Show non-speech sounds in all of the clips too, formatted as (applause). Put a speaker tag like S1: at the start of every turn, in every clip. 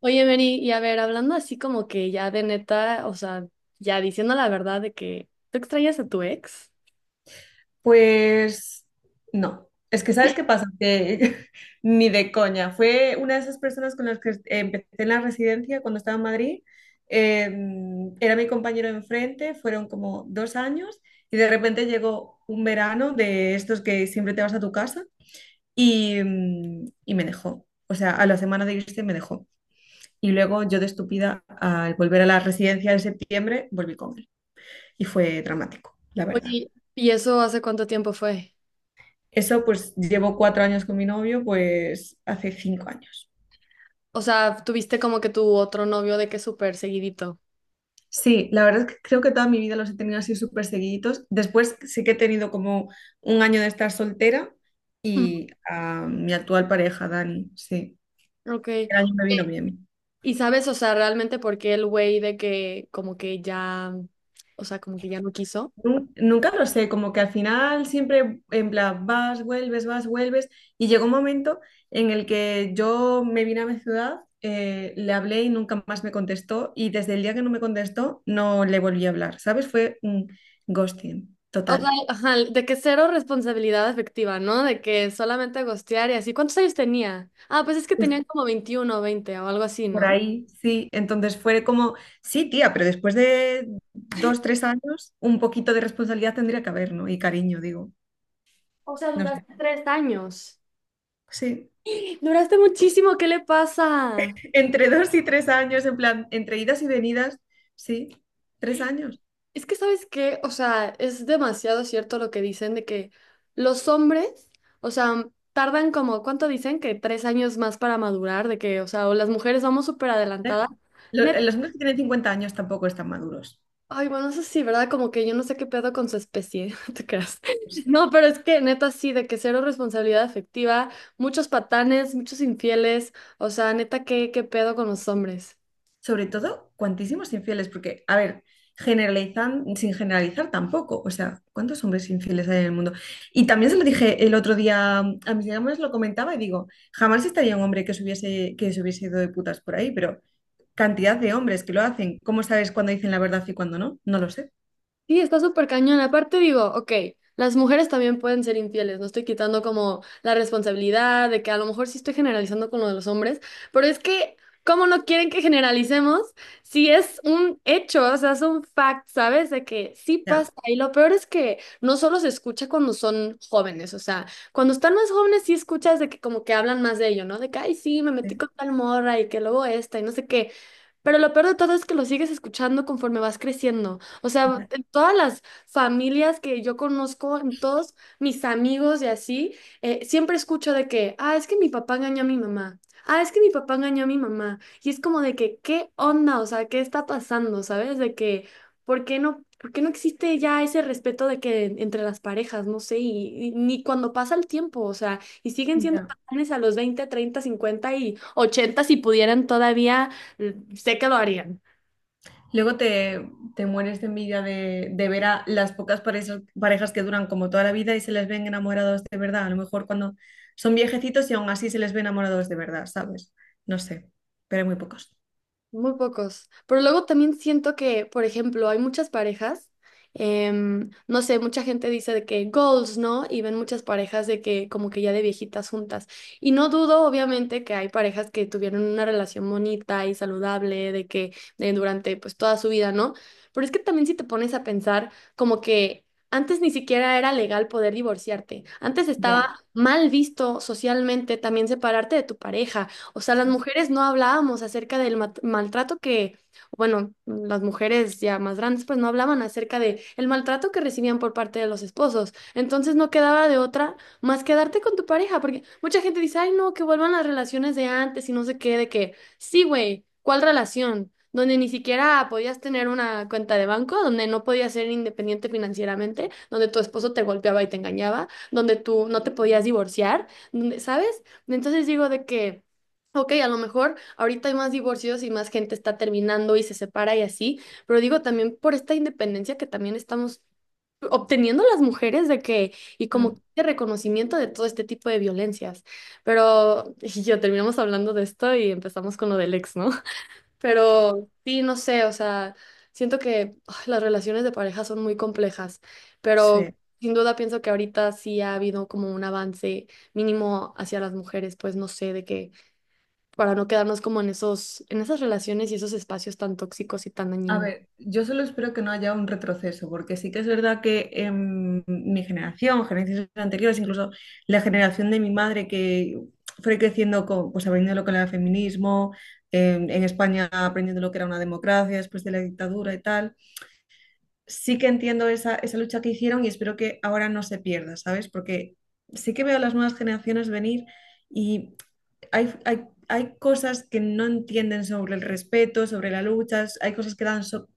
S1: Oye, Mary, y a ver, hablando así como que ya de neta, o sea, ya diciendo la verdad de que tú extrañas a tu ex.
S2: Pues no, es que ¿sabes qué pasa? Que (laughs) ni de coña. Fue una de esas personas con las que empecé en la residencia cuando estaba en Madrid. Eh, Era mi compañero de enfrente, fueron como 2 años y de repente llegó un verano de estos que siempre te vas a tu casa y me dejó. O sea, a la semana de irse me dejó. Y luego yo de estúpida, al volver a la residencia en septiembre, volví con él. Y fue dramático, la verdad.
S1: Oye, ¿y eso hace cuánto tiempo fue?
S2: Eso pues llevo 4 años con mi novio, pues hace 5 años.
S1: O sea, tuviste como que tu otro novio de que súper seguidito.
S2: Sí, la verdad es que creo que toda mi vida los he tenido así súper seguiditos. Después sí que he tenido como un año de estar soltera
S1: Ujú.
S2: y a mi actual pareja, Dani, sí.
S1: Ok. Oye,
S2: El año me vino bien.
S1: ¿y sabes, o sea, realmente por qué el güey de que como que ya, o sea, como que ya no quiso?
S2: Nunca lo sé, como que al final siempre en plan vas, vuelves, vas, vuelves. Y llegó un momento en el que yo me vine a mi ciudad, le hablé y nunca más me contestó. Y desde el día que no me contestó, no le volví a hablar, ¿sabes? Fue un ghosting
S1: O sea,
S2: total.
S1: ajá, de que cero responsabilidad afectiva, ¿no? De que solamente gostear y así. ¿Cuántos años tenía? Ah, pues es que
S2: Pues
S1: tenían como 21, 20 o algo así,
S2: por
S1: ¿no?
S2: ahí, sí. Entonces fue como, sí, tía, pero después de 2, 3 años, un poquito de responsabilidad tendría que haber, ¿no? Y cariño, digo,
S1: O sea,
S2: no sé.
S1: duraste 3 años.
S2: Sí.
S1: Duraste muchísimo, ¿qué le pasa?
S2: Entre 2 y 3 años, en plan, entre idas y venidas, sí, 3 años.
S1: Es que, ¿sabes qué? O sea, es demasiado cierto lo que dicen de que los hombres, o sea, tardan como, ¿cuánto dicen? Que 3 años más para madurar, de que, o sea, o las mujeres vamos súper
S2: Eh,
S1: adelantadas. Neta,
S2: Los hombres que tienen 50 años tampoco están maduros.
S1: ay, bueno, eso sí, ¿verdad? Como que yo no sé qué pedo con su especie, (laughs) no te creas.
S2: O sea,
S1: No, pero es que neta sí, de que cero responsabilidad afectiva, muchos patanes, muchos infieles, o sea, neta, ¿qué pedo con los hombres?
S2: sobre todo, cuantísimos infieles, porque, a ver, generalizan, sin generalizar tampoco. O sea, ¿cuántos hombres infieles hay en el mundo? Y también se lo dije el otro día a mis amigas, lo comentaba y digo, jamás estaría un hombre que se hubiese ido de putas por ahí, pero cantidad de hombres que lo hacen, ¿cómo sabes cuándo dicen la verdad y cuándo no? No lo sé.
S1: Sí, está súper cañón. Aparte digo, ok, las mujeres también pueden ser infieles, no estoy quitando como la responsabilidad de que a lo mejor sí estoy generalizando con lo de los hombres, pero es que, ¿cómo no quieren que generalicemos si es un hecho, o sea, es un fact, ¿sabes? De que sí
S2: Ya,
S1: pasa. Y lo peor es que no solo se escucha cuando son jóvenes, o sea, cuando están más jóvenes sí escuchas de que como que hablan más de ello, ¿no? De que, ay, sí, me metí
S2: eh,
S1: con tal morra y que luego esta y no sé qué. Pero lo peor de todo es que lo sigues escuchando conforme vas creciendo. O sea,
S2: ya,
S1: en todas las familias que yo conozco, en todos mis amigos y así, siempre escucho de que, ah, es que mi papá engañó a mi mamá. Ah, es que mi papá engañó a mi mamá. Y es como de que, ¿qué onda? O sea, ¿qué está pasando? ¿Sabes? De que, ¿por qué no existe ya ese respeto de que entre las parejas, no sé, y ni cuando pasa el tiempo, o sea, y siguen siendo
S2: ya.
S1: patrones a los 20, 30, 50 y 80 si pudieran todavía, sé que lo harían.
S2: Luego te, te mueres de envidia de ver a las pocas parejas, parejas que duran como toda la vida y se les ven enamorados de verdad. A lo mejor cuando son viejecitos y aún así se les ve enamorados de verdad, ¿sabes? No sé, pero hay muy pocos.
S1: Muy pocos. Pero luego también siento que, por ejemplo, hay muchas parejas, no sé, mucha gente dice de que goals, ¿no? Y ven muchas parejas de que como que ya de viejitas juntas. Y no dudo, obviamente, que hay parejas que tuvieron una relación bonita y saludable, de que de durante pues toda su vida, ¿no? Pero es que también si te pones a pensar como que. Antes ni siquiera era legal poder divorciarte. Antes estaba
S2: Ya.
S1: mal visto socialmente también separarte de tu pareja. O sea, las
S2: Sí.
S1: mujeres no hablábamos acerca del maltrato que, bueno, las mujeres ya más grandes pues no hablaban acerca de el maltrato que recibían por parte de los esposos. Entonces no quedaba de otra más quedarte con tu pareja, porque mucha gente dice, ay, no, que vuelvan las relaciones de antes y no sé qué, de que, sí, güey, ¿cuál relación? Donde ni siquiera podías tener una cuenta de banco, donde no podías ser independiente financieramente, donde tu esposo te golpeaba y te engañaba, donde tú no te podías divorciar, donde, ¿sabes? Entonces digo de que ok, a lo mejor ahorita hay más divorcios y más gente está terminando y se separa y así, pero digo también por esta independencia que también estamos obteniendo las mujeres de que, y como
S2: Mm,
S1: de reconocimiento de todo este tipo de violencias. Pero (laughs) y yo terminamos hablando de esto y empezamos con lo del ex, ¿no? (laughs) Pero sí, no sé, o sea, siento que ay, las relaciones de pareja son muy complejas, pero
S2: sí.
S1: sin duda pienso que ahorita sí ha habido como un avance mínimo hacia las mujeres, pues no sé, de que para no quedarnos como en esos, en esas relaciones y esos espacios tan tóxicos y tan
S2: A
S1: dañinos.
S2: ver, yo solo espero que no haya un retroceso, porque sí que es verdad que mi generación, generaciones anteriores, incluso la generación de mi madre que fue creciendo con, pues aprendiendo lo que era el feminismo, en España aprendiendo lo que era una democracia después de la dictadura y tal, sí que entiendo esa, esa lucha que hicieron y espero que ahora no se pierda, ¿sabes? Porque sí que veo a las nuevas generaciones venir y hay cosas que no entienden sobre el respeto, sobre la lucha, hay cosas que dan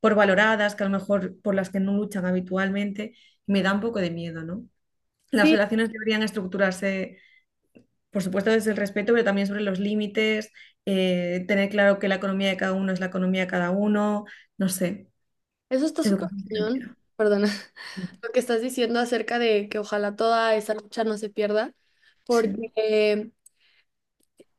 S2: por valoradas, que a lo mejor por las que no luchan habitualmente, me da un poco de miedo, ¿no? Las
S1: Sí,
S2: relaciones deberían estructurarse, por supuesto, desde el respeto, pero también sobre los límites, tener claro que la economía de cada uno es la economía de cada uno, no sé,
S1: eso está súper
S2: educación
S1: cañón,
S2: financiera.
S1: perdona,
S2: Sí,
S1: (laughs) lo que estás diciendo acerca de que ojalá toda esa lucha no se pierda,
S2: sí.
S1: porque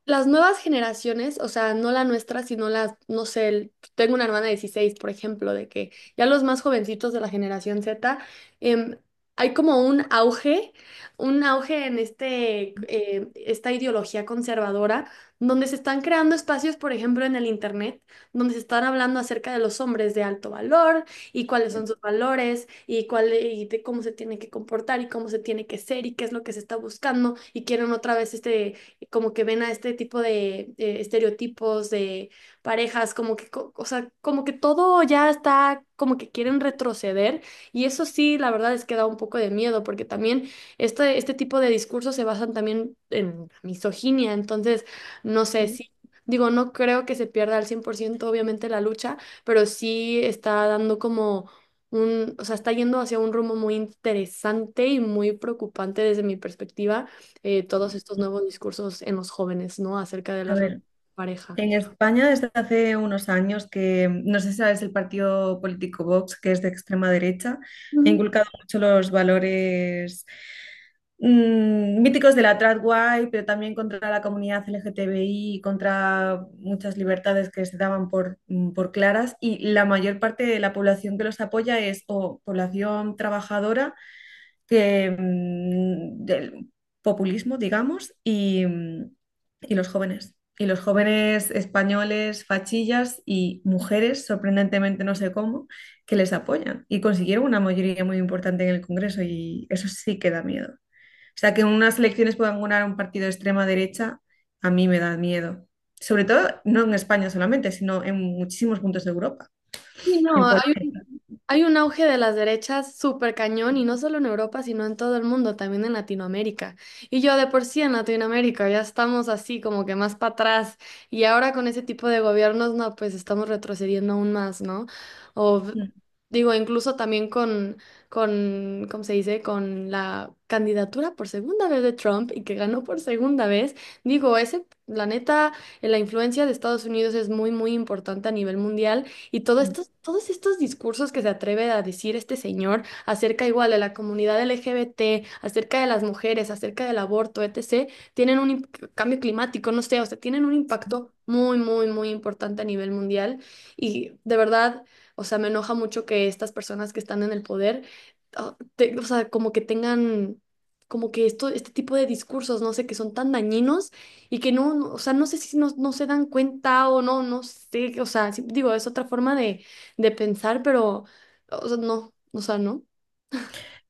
S1: las nuevas generaciones, o sea, no la nuestra, sino las, no sé, tengo una hermana de 16, por ejemplo, de que ya los más jovencitos de la generación Z, em, hay como un auge en este, esta ideología conservadora, donde se están creando espacios, por ejemplo, en el Internet, donde se están hablando acerca de los hombres de alto valor y cuáles son sus valores y de cómo se tiene que comportar y cómo se tiene que ser y qué es lo que se está buscando y quieren otra vez este como que ven a este tipo de estereotipos de parejas, como que, o sea, como que todo ya está, como que quieren retroceder y eso sí, la verdad es que da un poco de miedo porque también este tipo de discursos se basan también en misoginia, entonces, no sé
S2: Sí.
S1: si. Digo, no creo que se pierda al 100% obviamente la lucha, pero sí está dando como un, o sea, está yendo hacia un rumbo muy interesante y muy preocupante desde mi perspectiva, todos estos nuevos discursos en los jóvenes, ¿no? Acerca de
S2: A
S1: la relación
S2: ver,
S1: de pareja.
S2: en España, desde hace unos años que, no sé si sabes, el partido político Vox, que es de extrema derecha, ha
S1: Ujú.
S2: inculcado mucho los valores míticos de la tradway, pero también contra la comunidad LGTBI, y contra muchas libertades que se daban por claras, y la mayor parte de la población que los apoya es o población trabajadora que, del populismo, digamos, y los jóvenes. Y los jóvenes españoles, fachillas y mujeres, sorprendentemente no sé cómo, que les apoyan. Y consiguieron una mayoría muy importante en el Congreso y eso sí que da miedo. O sea, que en unas elecciones puedan ganar un partido de extrema derecha, a mí me da miedo. Sobre todo, no en España solamente, sino en muchísimos puntos de Europa,
S1: Sí, no,
S2: en
S1: hay
S2: Polonia.
S1: un, hay un auge de las derechas súper cañón y no solo en Europa, sino en todo el mundo, también en Latinoamérica. Y yo de por sí en Latinoamérica ya estamos así como que más para atrás y ahora con ese tipo de gobiernos, no, pues estamos retrocediendo aún más, ¿no? O digo, incluso también con, ¿cómo se dice? Con la candidatura por segunda vez de Trump y que ganó por segunda vez, digo, ese, la neta, la influencia de Estados Unidos es muy, muy importante a nivel mundial. Y todos estos discursos que se atreve a decir este señor acerca igual de la comunidad LGBT, acerca de las mujeres, acerca del aborto, etc., tienen un cambio climático, no sé, o sea, tienen un impacto muy, muy, muy importante a nivel mundial. Y de verdad, o sea, me enoja mucho que estas personas que están en el poder, o sea, como que tengan, como que este tipo de discursos, no sé, que son tan dañinos y que no, no, o sea, no sé si no, no se dan cuenta o no, no sé, o sea, sí, digo, es otra forma de, pensar, pero, o sea, no,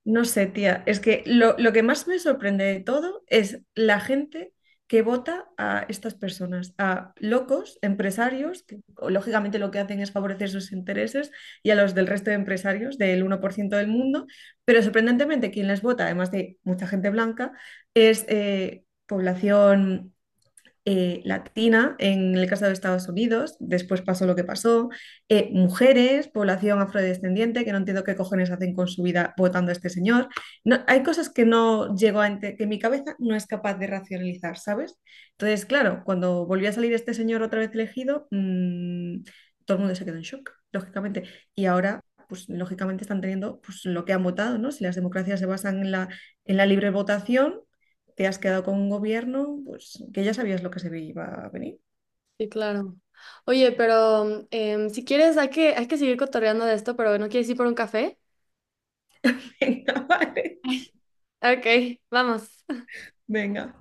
S2: No sé, tía, es que lo que más me sorprende de todo es la gente que vota a estas personas, a locos, empresarios, que o, lógicamente lo que hacen es favorecer sus intereses, y a los del resto de empresarios del 1% del mundo, pero sorprendentemente quien les vota, además de mucha gente blanca, es población latina en el caso de Estados Unidos, después pasó lo que pasó, mujeres, población afrodescendiente, que no entiendo qué cojones hacen con su vida votando a este señor. No, hay cosas que no llego a que mi cabeza no es capaz de racionalizar, ¿sabes? Entonces, claro, cuando volvió a salir este señor otra vez elegido, todo el mundo se quedó en shock, lógicamente. Y ahora, pues lógicamente están teniendo pues, lo que han votado, ¿no? Si las democracias se basan en la, libre votación te has quedado con un gobierno pues, que ya sabías lo que se iba a venir.
S1: sí, claro. Oye, pero si quieres, hay que seguir cotorreando de esto, pero ¿no quieres ir por un café?
S2: (laughs) Venga, vale,
S1: Ok, vamos.
S2: venga.